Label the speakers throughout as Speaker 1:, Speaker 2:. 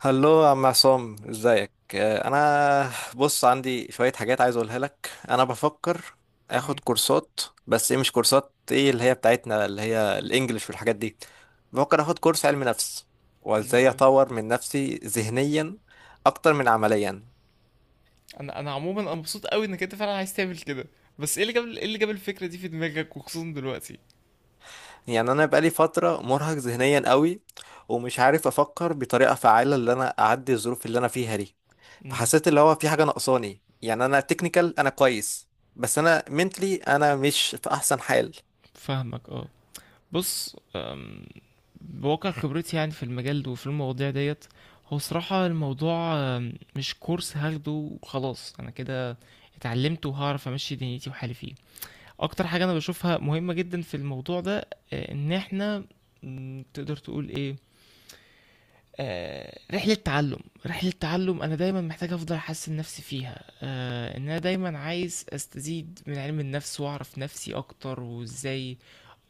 Speaker 1: هلو يا عم عصام، ازيك؟ انا بص، عندي شوية حاجات عايز اقولها لك. انا بفكر
Speaker 2: مم.
Speaker 1: اخد كورسات، بس ايه؟ مش كورسات ايه اللي هي بتاعتنا اللي هي الانجليش والحاجات دي. بفكر اخد كورس علم نفس،
Speaker 2: حلو
Speaker 1: وازاي
Speaker 2: قوي.
Speaker 1: اطور من نفسي ذهنيا اكتر من عمليا.
Speaker 2: انا عموما انا مبسوط قوي انك انت فعلا عايز تعمل كده. بس ايه اللي جاب الفكره دي في دماغك وخصوصا دلوقتي؟
Speaker 1: يعني انا بقالي فترة مرهق ذهنيا قوي، ومش عارف افكر بطريقة فعالة اللي انا اعدي الظروف اللي انا فيها دي.
Speaker 2: امم.
Speaker 1: فحسيت اللي هو في حاجة ناقصاني، يعني أنا تكنيكال أنا كويس، بس أنا منتلي أنا مش في أحسن حال.
Speaker 2: فاهمك، اه. بص، بواقع خبرتي يعني في المجال ده وفي المواضيع ديت، هو صراحة الموضوع مش كورس هاخده وخلاص انا كده اتعلمت وهعرف امشي دنيتي وحالي فيه. اكتر حاجة انا بشوفها مهمة جدا في الموضوع ده ان احنا، تقدر تقول ايه، آه، رحلة تعلم رحلة تعلم أنا دايما محتاج أفضل أحسن نفسي فيها. إن أنا دايما عايز أستزيد من علم النفس وأعرف نفسي أكتر وإزاي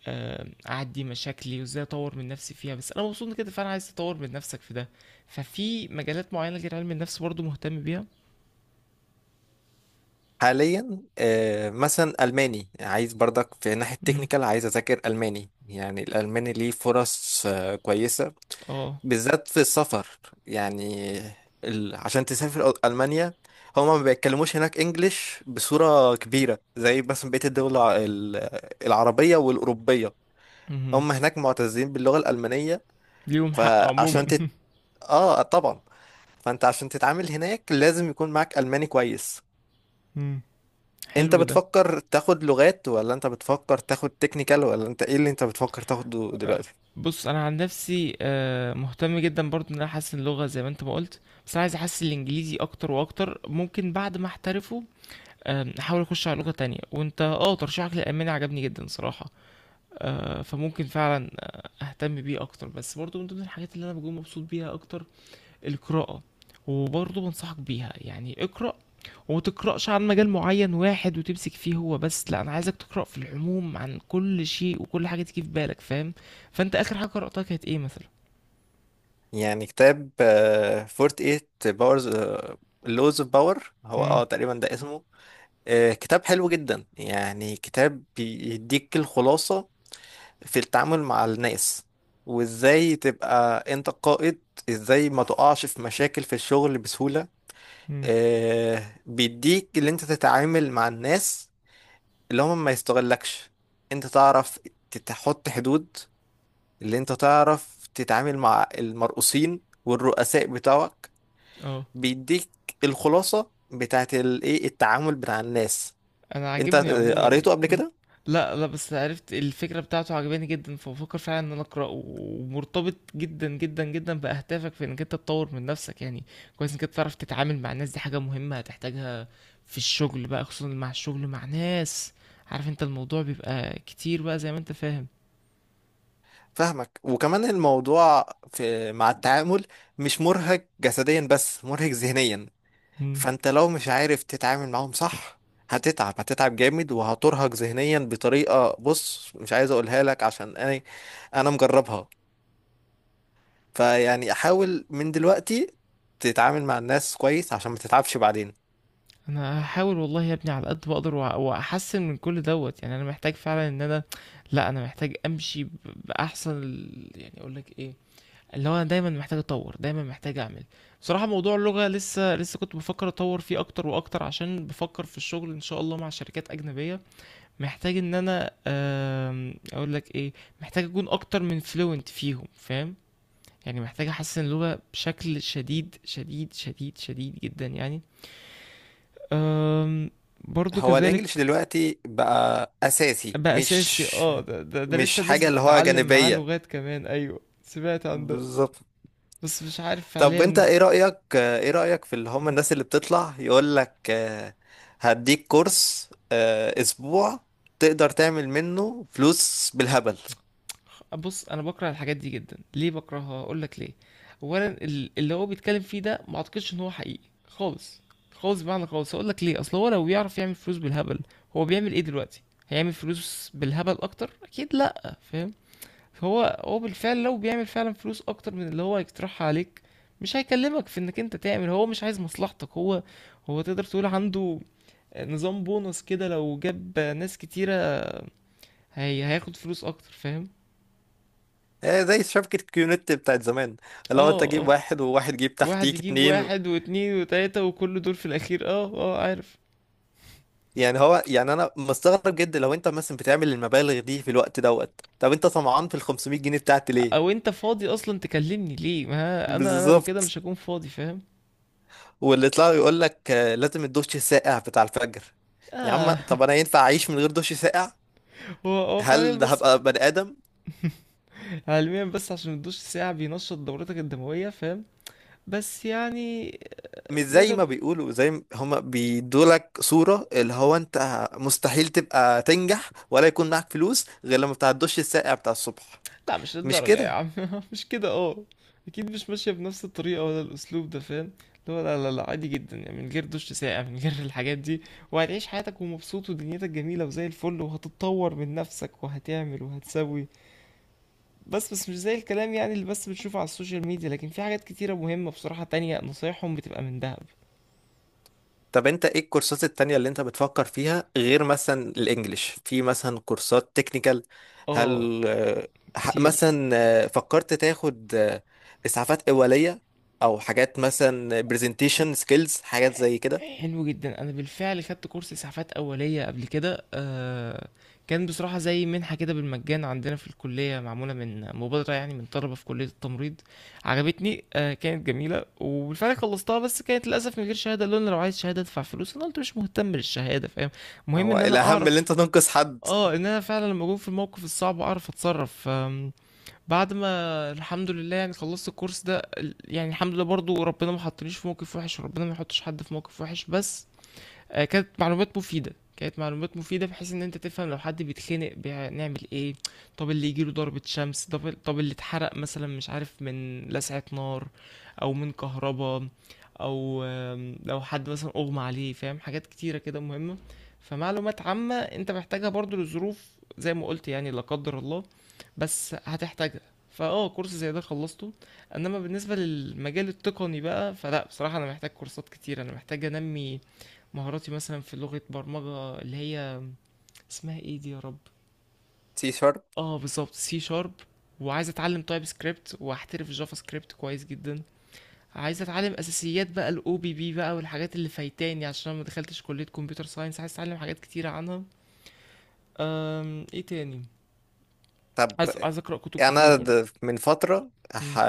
Speaker 2: أعدي مشاكلي وإزاي أطور من نفسي فيها. بس أنا مبسوط إن كده، فأنا عايز أطور من نفسك في ده. ففي مجالات معينة غير علم النفس برضو مهتم بيها.
Speaker 1: حاليا مثلا ألماني، عايز برضك في ناحية
Speaker 2: مم.
Speaker 1: تكنيكال، عايز أذاكر ألماني. يعني الألماني ليه فرص كويسة،
Speaker 2: اه.
Speaker 1: بالذات في السفر. يعني عشان تسافر ألمانيا، هما ما بيتكلموش هناك إنجليش بصورة كبيرة زي مثلا بقية الدول العربية والأوروبية.
Speaker 2: مهم.
Speaker 1: هم هناك معتزين باللغة الألمانية.
Speaker 2: ليهم حق عموما.
Speaker 1: فعشان، اه طبعا، فانت عشان تتعامل هناك لازم يكون معاك الماني كويس.
Speaker 2: مم.
Speaker 1: انت
Speaker 2: حلو ده.
Speaker 1: بتفكر تاخد لغات ولا انت بتفكر تاخد تكنيكال، ولا انت ايه اللي انت بتفكر تاخده دلوقتي؟
Speaker 2: بص انا عن نفسي مهتم جدا برضو ان انا احسن اللغه زي ما انت ما قلت. بس انا عايز احسن الانجليزي اكتر واكتر. ممكن بعد ما احترفه احاول اخش على لغه تانية، وانت ترشيحك للالماني عجبني جدا صراحه. فممكن فعلا اهتم بيه اكتر. بس برضو من ضمن الحاجات اللي انا بكون مبسوط بيها اكتر القراءة. وبرضه بنصحك بيها يعني اقرأ. وما تقرأش عن مجال معين واحد وتمسك فيه هو بس، لا انا عايزك تقرأ في العموم عن كل شيء وكل حاجة تيجي في بالك، فاهم؟ فانت اخر حاجة قرأتها كانت ايه مثلا؟
Speaker 1: يعني كتاب فورت ايت باورز، لوز اوف باور، هو
Speaker 2: امم،
Speaker 1: اه تقريبا ده اسمه. آه، كتاب حلو جدا. يعني كتاب بيديك الخلاصة في التعامل مع الناس، وازاي تبقى انت قائد، ازاي ما تقعش في مشاكل في الشغل بسهولة.
Speaker 2: امم،
Speaker 1: آه، بيديك اللي انت تتعامل مع الناس اللي هم ما يستغلكش، انت تعرف تحط حدود، اللي انت تعرف تتعامل مع المرؤوسين والرؤساء بتوعك.
Speaker 2: اه.
Speaker 1: بيديك الخلاصة بتاعت الايه، التعامل بتاع الناس.
Speaker 2: انا
Speaker 1: انت
Speaker 2: عاجبني عموما
Speaker 1: قريته قبل
Speaker 2: آه.
Speaker 1: كده؟
Speaker 2: لا، لا، بس عرفت الفكرة بتاعته عجباني جدا، فبفكر فعلا ان انا اقرأه، ومرتبط جدا جدا جدا باهدافك في انك انت تطور من نفسك يعني. كويس انك انت تعرف تتعامل مع الناس، دي حاجة مهمة هتحتاجها في الشغل بقى، خصوصا مع الشغل مع ناس. عارف انت الموضوع بيبقى كتير بقى، زي ما انت فاهم.
Speaker 1: فاهمك. وكمان الموضوع في مع التعامل، مش مرهق جسديا بس مرهق ذهنيا.
Speaker 2: مم.
Speaker 1: فانت لو مش عارف تتعامل معاهم صح، هتتعب، هتتعب جامد وهترهق ذهنيا بطريقة بص مش عايز اقولها لك، عشان انا انا مجربها. فيعني احاول من دلوقتي تتعامل مع الناس كويس عشان ما تتعبش بعدين.
Speaker 2: انا هحاول والله يا ابني على قد ما اقدر، واحسن من كل دوت. يعني انا محتاج فعلا ان انا، لا، انا محتاج امشي باحسن يعني اقول لك ايه، اللي هو انا دايما محتاج اطور، دايما محتاج اعمل. بصراحة موضوع اللغة لسه كنت بفكر اطور فيه اكتر واكتر، عشان بفكر في الشغل ان شاء الله مع شركات اجنبية. محتاج ان انا اقول لك ايه، محتاج اكون اكتر من فلوينت فيهم، فاهم؟ يعني محتاج احسن اللغة بشكل شديد شديد شديد شديد جدا يعني. أم برضو
Speaker 1: هو
Speaker 2: كذلك.
Speaker 1: الانجليش دلوقتي بقى اساسي،
Speaker 2: بقى اساسي،
Speaker 1: مش
Speaker 2: اه، ده لسه
Speaker 1: مش
Speaker 2: الناس
Speaker 1: حاجة اللي هو
Speaker 2: بتتعلم معاه
Speaker 1: جانبية.
Speaker 2: لغات كمان، ايوه سمعت عن ده.
Speaker 1: بالظبط.
Speaker 2: بس مش عارف
Speaker 1: طب انت
Speaker 2: فعليا.
Speaker 1: ايه رأيك، ايه رأيك في اللي هم الناس اللي بتطلع يقول لك هديك كورس اسبوع تقدر تعمل منه فلوس بالهبل؟
Speaker 2: بص انا بكره الحاجات دي جدا. ليه بكرهها؟ اقول لك ليه. اولا اللي هو بيتكلم فيه ده ما اعتقدش ان هو حقيقي خالص، خالص بمعنى خالص. اقول لك ليه؟ اصل هو لو بيعرف يعمل فلوس بالهبل، هو بيعمل ايه دلوقتي؟ هيعمل فلوس بالهبل اكتر اكيد، لا، فاهم؟ هو بالفعل لو بيعمل فعلا فلوس اكتر من اللي هو هيقترحها عليك، مش هيكلمك في انك انت تعمل. هو مش عايز مصلحتك هو. هو تقدر تقول عنده نظام بونص كده، لو جاب ناس كتيرة، هي هياخد فلوس اكتر، فاهم؟
Speaker 1: زي شبكة كيونت بتاعت زمان، لو انت
Speaker 2: اه،
Speaker 1: جيب
Speaker 2: اه.
Speaker 1: واحد وواحد جيب
Speaker 2: واحد
Speaker 1: تحتيك
Speaker 2: يجيب
Speaker 1: اتنين.
Speaker 2: واحد واتنين وتلاتة وكل دول في الأخير، اه، اه، عارف.
Speaker 1: يعني هو، يعني انا مستغرب جدا لو انت مثلا بتعمل المبالغ دي في الوقت دوت، طب انت طمعان في ال 500 جنيه بتاعت ليه؟
Speaker 2: أو أنت فاضي أصلا تكلمني ليه؟ ما أنا لو كده
Speaker 1: بالظبط.
Speaker 2: مش هكون فاضي، فاهم؟
Speaker 1: واللي يطلع يقول لك لازم الدش الساقع بتاع الفجر، يا عم
Speaker 2: اه.
Speaker 1: طب انا ينفع اعيش من غير دش ساقع؟
Speaker 2: هو فعلا
Speaker 1: هل ده
Speaker 2: بس
Speaker 1: هبقى بني ادم؟
Speaker 2: علميا، بس عشان الدش ساعة بينشط دورتك الدموية، فاهم؟ بس يعني
Speaker 1: مش زي
Speaker 2: نقدر.
Speaker 1: ما بيقولوا، زي ما هما بيدولك صورة اللي هو انت مستحيل تبقى تنجح ولا يكون معاك فلوس غير لما بتاع الدش الساقع بتاع الصبح.
Speaker 2: لا مش
Speaker 1: مش
Speaker 2: للدرجة يا
Speaker 1: كده.
Speaker 2: عم، مش كده، اه. اكيد مش ماشية بنفس الطريقة ولا الاسلوب ده، فاهم؟ اللي هو لا، لا، لا، عادي جدا يعني من غير دش ساقع من غير الحاجات دي، وهتعيش حياتك ومبسوط ودنيتك جميلة وزي الفل، وهتتطور من نفسك وهتعمل وهتسوي. بس مش زي الكلام يعني اللي بس بتشوفه على السوشيال ميديا. لكن في حاجات كتيرة مهمة بصراحة تانية نصايحهم بتبقى من دهب.
Speaker 1: طب انت ايه الكورسات التانية اللي انت بتفكر فيها غير مثلا الانجليش؟ في مثلا كورسات تكنيكال،
Speaker 2: اه.
Speaker 1: هل
Speaker 2: كتير.
Speaker 1: مثلا فكرت تاخد اسعافات اولية او حاجات مثلا برزنتيشن سكيلز، حاجات زي كده؟
Speaker 2: حلو جدا، انا بالفعل خدت كورس اسعافات اوليه قبل كده. كان بصراحه زي منحه كده بالمجان عندنا في الكليه، معموله من مبادره يعني من طلبه في كليه التمريض. عجبتني، كانت جميله وبالفعل خلصتها. بس كانت للاسف من غير شهاده، لان لو عايز شهاده ادفع فلوس، انا قلت مش مهتم بالشهاده، فاهم؟ المهم
Speaker 1: هو
Speaker 2: ان انا
Speaker 1: الاهم اللي
Speaker 2: اعرف.
Speaker 1: انت تنقذ حد.
Speaker 2: اه، ان انا فعلا لما اكون في الموقف الصعب اعرف اتصرف. بعد ما، الحمد لله يعني خلصت الكورس ده، يعني الحمد لله برضو ربنا ما حطنيش في موقف وحش، وربنا ما يحطش حد في موقف وحش بس. آه، كانت معلومات مفيدة كانت معلومات مفيدة بحيث ان انت تفهم لو حد بيتخنق نعمل ايه. طب اللي يجيله ضربة شمس، طب اللي اتحرق مثلا، مش عارف، من لسعة نار او من كهربا، او لو حد مثلا اغمى عليه، فاهم، حاجات كتيرة كده مهمة. فمعلومات عامة انت محتاجها برضو لظروف، زي ما قلت يعني، لا قدر الله، بس هتحتاجها. فاه، كورس زي ده خلصته. انما بالنسبة للمجال التقني بقى، فلا بصراحة انا محتاج كورسات كتير، انا محتاج انمي مهاراتي مثلا في لغة برمجة اللي هي اسمها ايه دي يا رب.
Speaker 1: سي شارب.
Speaker 2: اه بالظبط، سي شارب. وعايز اتعلم تايب سكريبت واحترف جافا سكريبت كويس جدا. عايز اتعلم اساسيات بقى الاو بي بي بقى، والحاجات اللي فايتاني عشان أنا ما دخلتش كلية كمبيوتر ساينس، عايز اتعلم حاجات كتيرة عنها. ايه تاني؟
Speaker 1: طب
Speaker 2: عايز اقرا كتب كتير
Speaker 1: انا
Speaker 2: برضه.
Speaker 1: من فتره
Speaker 2: امم.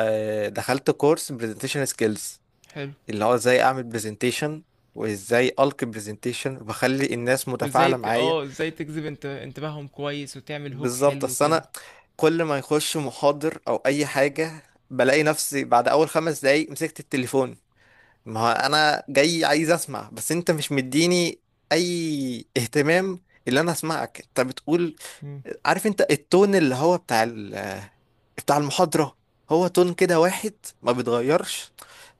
Speaker 1: دخلت كورس برزنتيشن سكيلز،
Speaker 2: حلو.
Speaker 1: اللي هو ازاي اعمل برزنتيشن، وازاي القي برزنتيشن وبخلي الناس
Speaker 2: وازاي
Speaker 1: متفاعله معايا.
Speaker 2: ازاي تجذب انتباههم كويس وتعمل هوك
Speaker 1: بالظبط،
Speaker 2: حلو
Speaker 1: اصل
Speaker 2: كده.
Speaker 1: انا كل ما يخش محاضر او اي حاجه، بلاقي نفسي بعد اول خمس دقايق مسكت التليفون. ما هو انا جاي عايز اسمع، بس انت مش مديني اي اهتمام اللي انا اسمعك انت بتقول.
Speaker 2: مم.
Speaker 1: عارف انت التون اللي هو بتاع المحاضرة؟ هو تون كده واحد، ما بيتغيرش.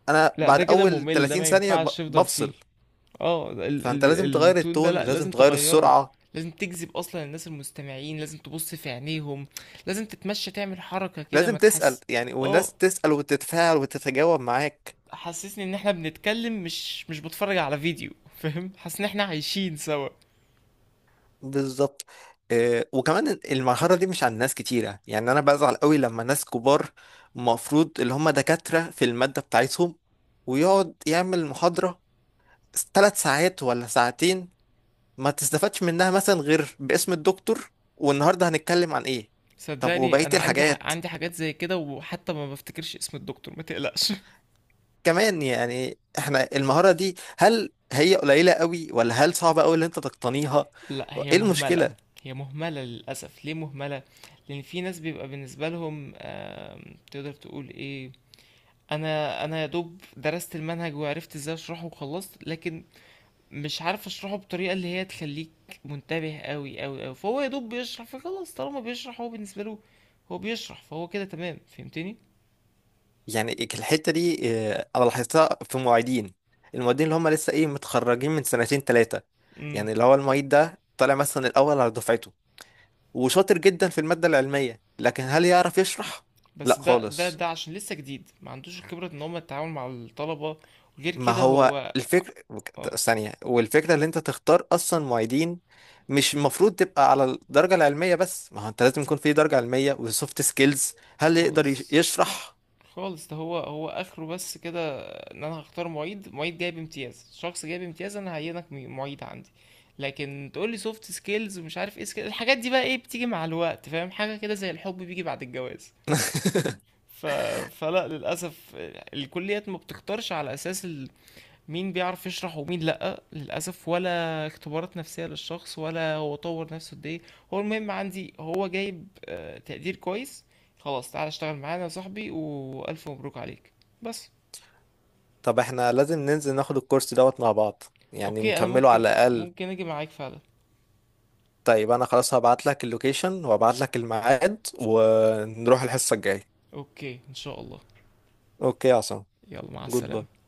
Speaker 1: انا
Speaker 2: لا
Speaker 1: بعد
Speaker 2: ده كده
Speaker 1: اول
Speaker 2: ممل، ده
Speaker 1: 30
Speaker 2: ما
Speaker 1: ثانية
Speaker 2: ينفعش تفضل فيه.
Speaker 1: بفصل.
Speaker 2: اه،
Speaker 1: فانت لازم تغير
Speaker 2: التون ده
Speaker 1: التون،
Speaker 2: لا،
Speaker 1: لازم
Speaker 2: لازم
Speaker 1: تغير
Speaker 2: تغيره.
Speaker 1: السرعة.
Speaker 2: لازم تجذب اصلا الناس المستمعين، لازم تبص في عينيهم، لازم تتمشى تعمل حركة كده
Speaker 1: لازم
Speaker 2: ما
Speaker 1: تسأل
Speaker 2: تحس.
Speaker 1: يعني،
Speaker 2: اه،
Speaker 1: والناس تسأل وتتفاعل وتتجاوب معاك.
Speaker 2: حسسني ان احنا بنتكلم مش بتفرج على فيديو، فاهم؟ حاسس ان احنا عايشين سوا.
Speaker 1: بالظبط. وكمان المرحلة دي مش عند ناس كتيرة. يعني انا بزعل قوي لما ناس كبار، المفروض اللي هم دكاترة في المادة بتاعتهم، ويقعد يعمل محاضرة ثلاث ساعات ولا ساعتين، ما تستفادش منها مثلا غير باسم الدكتور والنهارده هنتكلم عن ايه. طب
Speaker 2: صدقني
Speaker 1: وبقية
Speaker 2: انا عندي ح...
Speaker 1: الحاجات
Speaker 2: عندي حاجات زي كده، وحتى ما بفتكرش اسم الدكتور ما تقلقش.
Speaker 1: كمان؟ يعني احنا المهارة دي هل هي قليلة قوي، ولا هل صعبة قوي اللي انت تقتنيها؟
Speaker 2: لا هي
Speaker 1: ايه
Speaker 2: مهملة.
Speaker 1: المشكلة؟
Speaker 2: هي مهملة للأسف. ليه مهملة؟ لأن في ناس بيبقى بالنسبة لهم تقدر تقول ايه، انا يا دوب درست المنهج وعرفت ازاي اشرحه وخلصت، لكن مش عارف اشرحه بطريقه اللي هي تخليك منتبه قوي قوي قوي. فهو يا دوب بيشرح، فخلاص طالما بيشرح هو بالنسبه له هو بيشرح فهو كده تمام، فهمتني؟
Speaker 1: يعني الحتة دي اه، انا لاحظتها في معيدين. المعيدين اللي هم لسه ايه، متخرجين من سنتين ثلاثة،
Speaker 2: امم.
Speaker 1: يعني اللي هو المعيد ده طالع مثلا الاول على دفعته وشاطر جدا في المادة العلمية، لكن هل يعرف يشرح؟ لا
Speaker 2: بس ده ده
Speaker 1: خالص.
Speaker 2: ده عشان لسه جديد ما عندوش الخبره ان هم التعامل مع الطلبه. وغير
Speaker 1: ما
Speaker 2: كده
Speaker 1: هو
Speaker 2: هو
Speaker 1: الفكر
Speaker 2: آه،
Speaker 1: ثانية، والفكرة اللي انت تختار اصلا معيدين، مش المفروض تبقى على الدرجة العلمية بس. ما هو انت لازم يكون في درجة علمية وسوفت سكيلز، هل يقدر
Speaker 2: خالص،
Speaker 1: يشرح.
Speaker 2: خالص. ده هو اخره بس كده، ان انا هختار معيد، معيد جايب امتياز، شخص جايب امتياز انا هعينك معيد عندي. لكن تقول لي سوفت سكيلز ومش عارف ايه سكيلز، الحاجات دي بقى ايه بتيجي مع الوقت، فاهم؟ حاجه كده زي الحب بيجي بعد الجواز. ف... فلا للاسف، الكليات ما بتختارش على اساس مين بيعرف يشرح ومين لأ، للأسف، ولا اختبارات نفسية للشخص، ولا هو طور نفسه قد ايه. هو المهم عندي هو جايب تقدير كويس، خلاص تعالى اشتغل معانا يا صاحبي وألف مبروك عليك. بس.
Speaker 1: طب احنا لازم ننزل ناخد الكورس دوت مع بعض، يعني
Speaker 2: اوكي، انا
Speaker 1: نكمله على
Speaker 2: ممكن
Speaker 1: الاقل.
Speaker 2: ممكن اجي معاك فعلا.
Speaker 1: طيب انا خلاص هبعت لك اللوكيشن وهبعت لك الميعاد، ونروح الحصة الجاية.
Speaker 2: اوكي ان شاء الله.
Speaker 1: اوكي يا عصام،
Speaker 2: يلا، مع
Speaker 1: جود
Speaker 2: السلامة.
Speaker 1: باي.